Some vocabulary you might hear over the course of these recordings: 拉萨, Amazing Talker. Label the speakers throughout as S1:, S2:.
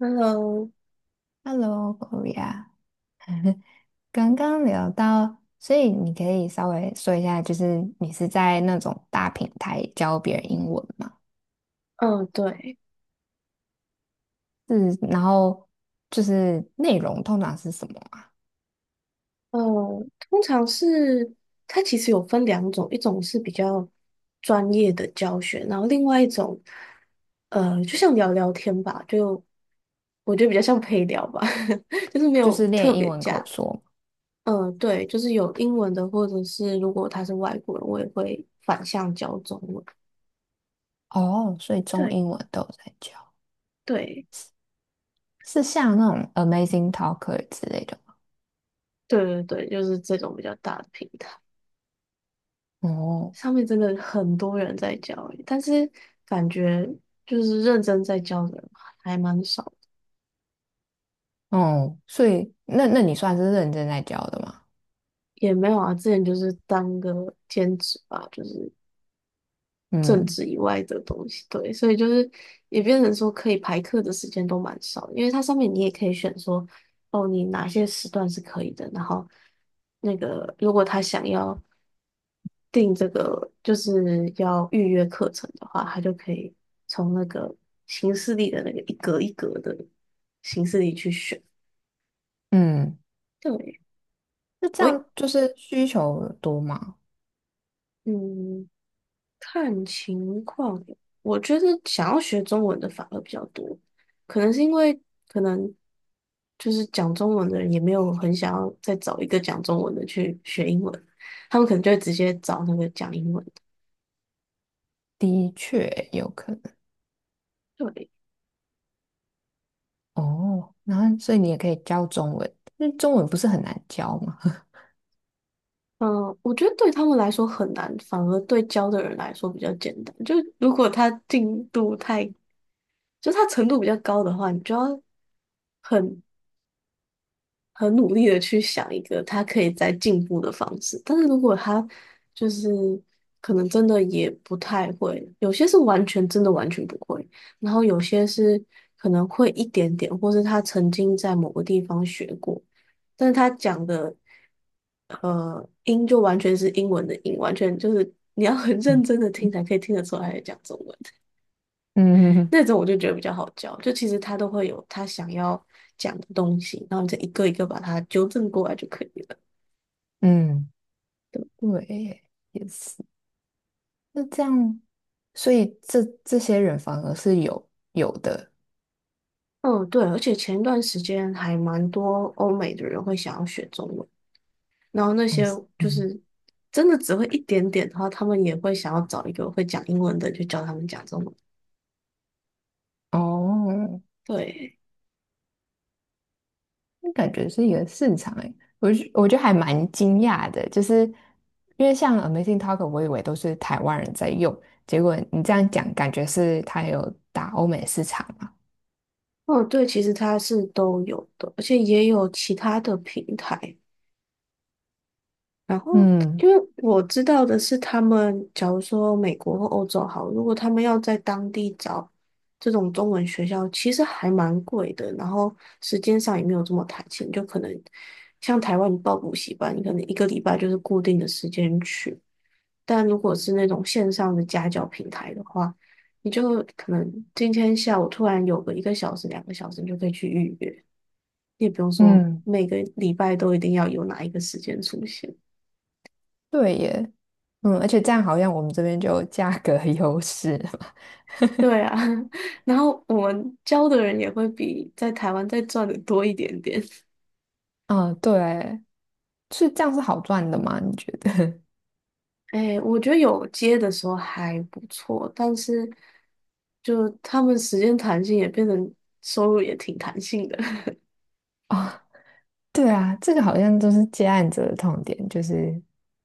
S1: Hello，
S2: Hello, Goria 刚刚聊到，所以你可以稍微说一下，就是你是在那种大平台教别人英文吗？
S1: 嗯，对，
S2: 是，然后就是内容通常是什么啊。
S1: 嗯，通常是它其实有分两种，一种是比较专业的教学，然后另外一种，就像聊聊天吧，就我觉得比较像陪聊吧，就是没
S2: 就
S1: 有
S2: 是
S1: 特
S2: 练英
S1: 别
S2: 文口
S1: 加，
S2: 说吗。
S1: 嗯，对，就是有英文的，或者是如果他是外国人，我也会反向教中文。
S2: 哦，所以中
S1: 对，
S2: 英文都有在教，
S1: 对。
S2: 是像那种 Amazing Talker 之类的吗？
S1: 对对对，就是这种比较大的平台。
S2: 哦，
S1: 上面真的很多人在教欸，但是感觉就是认真在教的人还蛮少的。
S2: 哦，所以那你算是认真在教的吗？
S1: 也没有啊。之前就是当个兼职吧，就是政
S2: 嗯
S1: 治以外的东西，对，所以就是也变成说可以排课的时间都蛮少的，因为它上面你也可以选说，哦，你哪些时段是可以的，然后那个如果他想要。订这个就是要预约课程的话，他就可以从那个形式历的那个一格一格的形式里去选。
S2: 嗯，
S1: 对，
S2: 那这
S1: 我
S2: 样就是需求多吗？
S1: 嗯，看情况。我觉得想要学中文的反而比较多，可能是因为，可能就是讲中文的人也没有很想要再找一个讲中文的去学英文，他们可能就会直接找那个讲英文的。
S2: 的确有可能。
S1: 对。
S2: 哦，然后所以你也可以教中文，那中文不是很难教吗？
S1: 嗯，我觉得对他们来说很难，反而对教的人来说比较简单。就如果他进度太，就他程度比较高的话，你就要很很努力的去想一个他可以再进步的方式。但是如果他就是可能真的也不太会，有些是完全真的完全不会，然后有些是可能会一点点，或是他曾经在某个地方学过，但是他讲的音就完全是英文的音，完全就是你要很认真 的听才可以听得出来他在讲中文。
S2: 嗯
S1: 那种我就觉得比较好教，就其实他都会有他想要讲的东西，然后你再一个一个把它纠正过来就可以了。
S2: 嗯，对耶，也是。那这样，所以这些人反而是有的，
S1: 嗯，对，而且前一段时间还蛮多欧美的人会想要学中文，然后那
S2: 嗯
S1: 些就
S2: 嗯，
S1: 是真的只会一点点的话，他们也会想要找一个会讲英文的就教他们讲中文。
S2: 哦，
S1: 对。
S2: 那感觉是一个市场诶，我觉得还蛮惊讶的，就是因为像 Amazing Talk 我以为都是台湾人在用，结果你这样讲，感觉是它有打欧美市场嘛？
S1: 哦，对，其实它是都有的，而且也有其他的平台。然后，因
S2: 嗯
S1: 为我知道的是，他们假如说美国或欧洲好，如果他们要在当地找这种中文学校，其实还蛮贵的，然后时间上也没有这么弹性，就可能像台湾你报补习班，你可能一个礼拜就是固定的时间去，但如果是那种线上的家教平台的话，你就可能今天下午突然有个一个小时、两个小时，你就可以去预约，你也不用说
S2: 嗯。
S1: 每个礼拜都一定要有哪一个时间出现。
S2: 对耶，嗯，而且这样好像我们这边就有价格 优势嘛。
S1: 对啊，然后我们教的人也会比在台湾再赚的多一点点。
S2: 啊，对，是这样是好赚的吗？你觉得？
S1: 哎，我觉得有接的时候还不错，但是就他们时间弹性也变成收入也挺弹性的。
S2: 啊，对啊，这个好像都是接案者的痛点，就是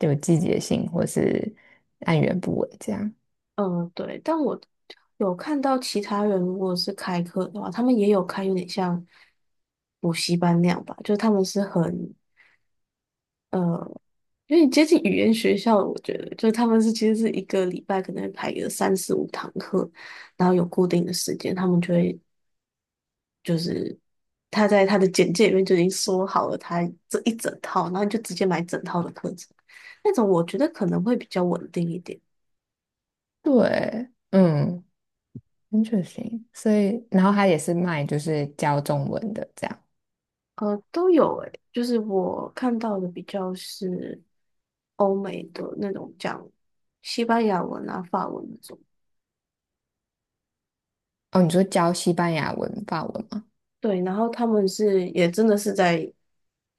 S2: 有季节性或是按源不稳这样。
S1: 嗯，对，但我有看到其他人如果是开课的话，他们也有开有点像补习班那样吧，就他们是很，因为接近语言学校，我觉得就是他们是其实是一个礼拜可能会排个三四五堂课，然后有固定的时间，他们就会，他在他的简介里面就已经说好了他这一整套，然后你就直接买整套的课程，那种我觉得可能会比较稳定一点。
S2: 对，嗯，interesting。所以，然后他也是卖就是教中文的这样。
S1: 都有诶，就是我看到的比较是欧美的那种讲西班牙文啊、法文那种。
S2: 哦，你说教西班牙文、法文吗？
S1: 对，然后他们是也真的是在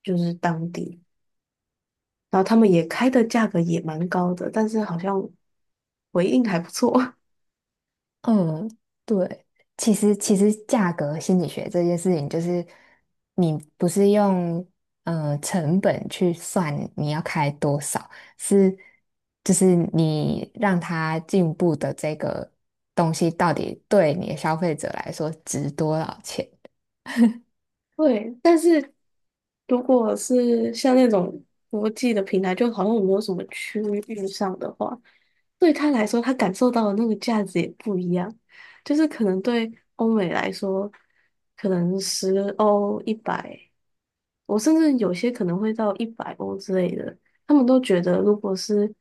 S1: 就是当地。然后他们也开的价格也蛮高的，但是好像回应还不错。
S2: 嗯，对，其实价格心理学这件事情，就是你不是用成本去算你要开多少，是就是你让它进步的这个东西到底对你的消费者来说值多少钱？
S1: 对，但是如果是像那种国际的平台，就好像没有什么区域上的话，对他来说，他感受到的那个价值也不一样。就是可能对欧美来说，可能10欧、一百，我甚至有些可能会到100欧之类的，他们都觉得如果是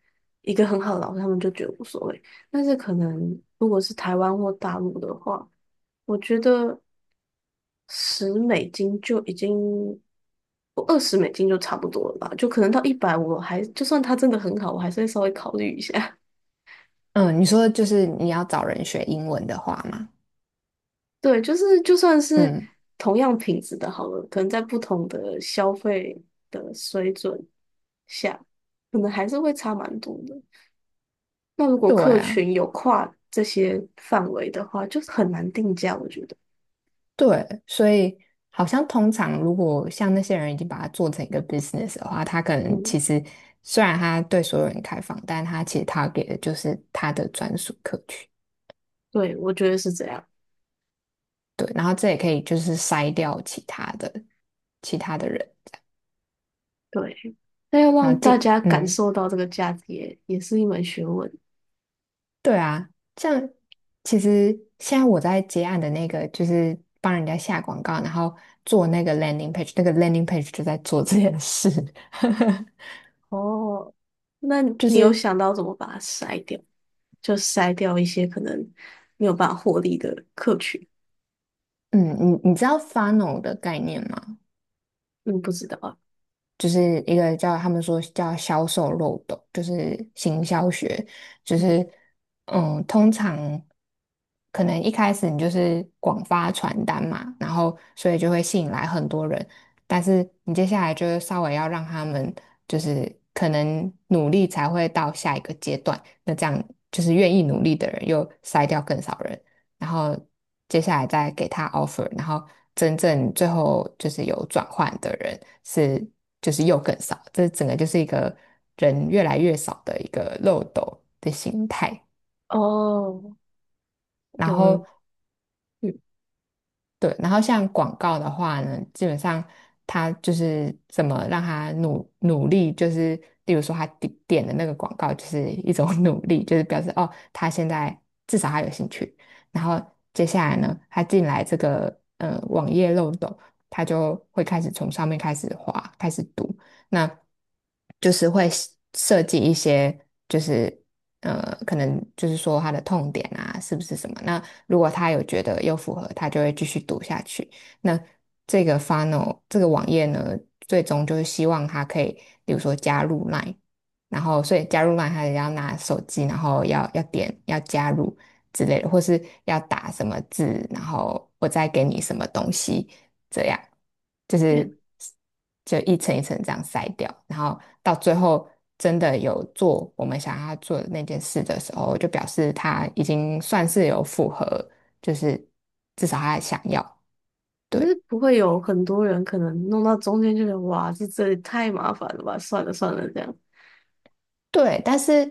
S1: 一个很好的老师，他们就觉得无所谓。但是可能如果是台湾或大陆的话，我觉得。十美金就已经，我20美金就差不多了吧，就可能到一百，我还就算它真的很好，我还是会稍微考虑一下。
S2: 嗯，你说就是你要找人学英文的话嘛，
S1: 对，就是就算是
S2: 嗯，
S1: 同样品质的好了，可能在不同的消费的水准下，可能还是会差蛮多的。那如果
S2: 对
S1: 客
S2: 啊。
S1: 群有跨这些范围的话，就是很难定价，我觉得。
S2: 对，所以好像通常如果像那些人已经把它做成一个 business 的话，他可能
S1: 嗯，
S2: 其实虽然他对所有人开放，但他其实他给的就是他的专属客群。
S1: 对，我觉得是这样。
S2: 对，然后这也可以就是筛掉其他的人，
S1: 对，那要
S2: 然后
S1: 让大家感
S2: 嗯，
S1: 受到这个价值也也是一门学问。
S2: 对啊，像其实现在我在接案的那个就是帮人家下广告，然后做那个 landing page，那个 landing page 就在做这件事。
S1: 哦，那
S2: 就
S1: 你有
S2: 是
S1: 想到怎么把它筛掉？就筛掉一些可能没有办法获利的客群？
S2: 嗯，你知道 funnel 的概念吗？
S1: 嗯，不知道啊。
S2: 就是一个叫他们说叫销售漏斗，就是行销学，就
S1: 嗯。
S2: 是通常可能一开始你就是广发传单嘛，然后所以就会吸引来很多人，但是你接下来就是稍微要让他们就是可能努力才会到下一个阶段，那这样就是愿意努力的人又筛掉更少人，然后接下来再给他 offer，然后真正最后就是有转换的人是就是又更少，这整个就是一个人越来越少的一个漏斗的形态。
S1: 哦，
S2: 然
S1: 有诶。
S2: 后
S1: 嗯。
S2: 对，然后像广告的话呢，基本上他就是怎么让他努努力，就是例如说他点点的那个广告就是一种 努力，就是表示哦，他现在至少他有兴趣。然后接下来呢，他进来这个网页漏洞，他就会开始从上面开始滑，开始读，那就是会设计一些。就是。可能就是说他的痛点啊，是不是什么？那如果他有觉得又符合，他就会继续读下去。那这个 funnel 这个网页呢，最终就是希望他可以，比如说加入 Line，然后所以加入 Line，他也要拿手机，然后要点要加入之类的，或是要打什么字，然后我再给你什么东西，这样，就
S1: 诶，
S2: 是就一层一层这样筛掉，然后到最后真的有做我们想要他做的那件事的时候，就表示他已经算是有符合，就是至少他想要，
S1: 可是
S2: 对
S1: 不会有很多人可能弄到中间就觉得哇，这这也太麻烦了吧？算了算了，这样。
S2: 对，但是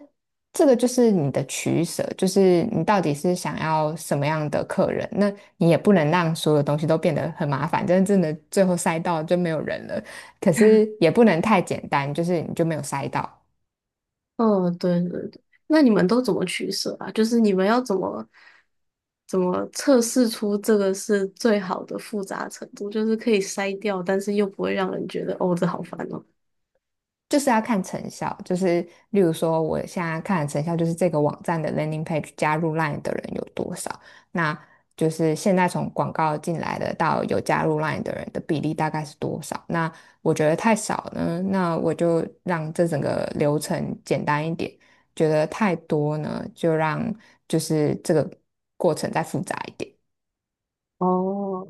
S2: 这个就是你的取舍，就是你到底是想要什么样的客人，那你也不能让所有东西都变得很麻烦，真的真的最后筛到就没有人了，可是 也不能太简单，就是你就没有筛到。
S1: 嗯，对对对。那你们都怎么取舍啊？就是你们要怎么怎么测试出这个是最好的复杂程度，就是可以筛掉，但是又不会让人觉得哦，这好烦哦。
S2: 就是要看成效，就是例如说，我现在看的成效就是这个网站的 landing page 加入 LINE 的人有多少，那就是现在从广告进来的到有加入 LINE 的人的比例大概是多少？那我觉得太少呢，那我就让这整个流程简单一点；觉得太多呢，就让就是这个过程再复杂一点。
S1: 哦。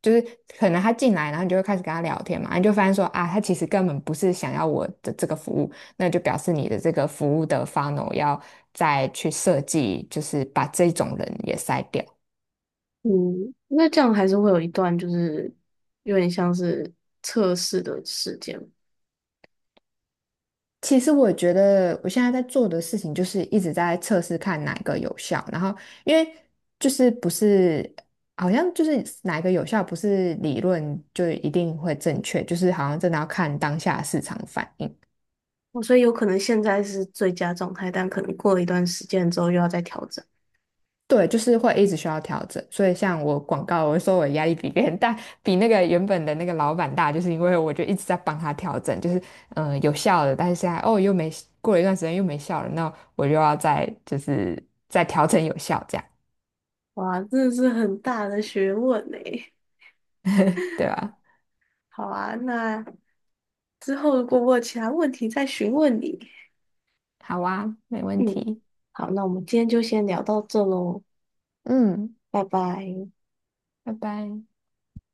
S2: 就是可能他进来，然后你就会开始跟他聊天嘛，你就发现说啊，他其实根本不是想要我的这个服务，那就表示你的这个服务的 funnel 要再去设计，就是把这种人也筛掉。
S1: 嗯，那这样还是会有一段就是有点像是测试的时间。
S2: 其实我觉得我现在在做的事情就是一直在测试看哪个有效，然后因为就是不是好像就是哪个有效，不是理论就一定会正确，就是好像真的要看当下市场反应。
S1: 哦，所以有可能现在是最佳状态，但可能过了一段时间之后又要再调整。
S2: 对，就是会一直需要调整，所以像我广告，我说我压力比别人大，比那个原本的那个老板大，就是因为我就一直在帮他调整，就是有效的，但是现在哦又没过了一段时间又没效了，那我就要再就是再调整有效这样，
S1: 哇，真的是很大的学问呢。
S2: 对吧？
S1: 好啊，那之后如果我有其他问题再询问你。
S2: 好啊，没问
S1: 嗯。
S2: 题，
S1: 好，那我们今天就先聊到这喽。
S2: 嗯，
S1: 拜拜。
S2: 拜拜。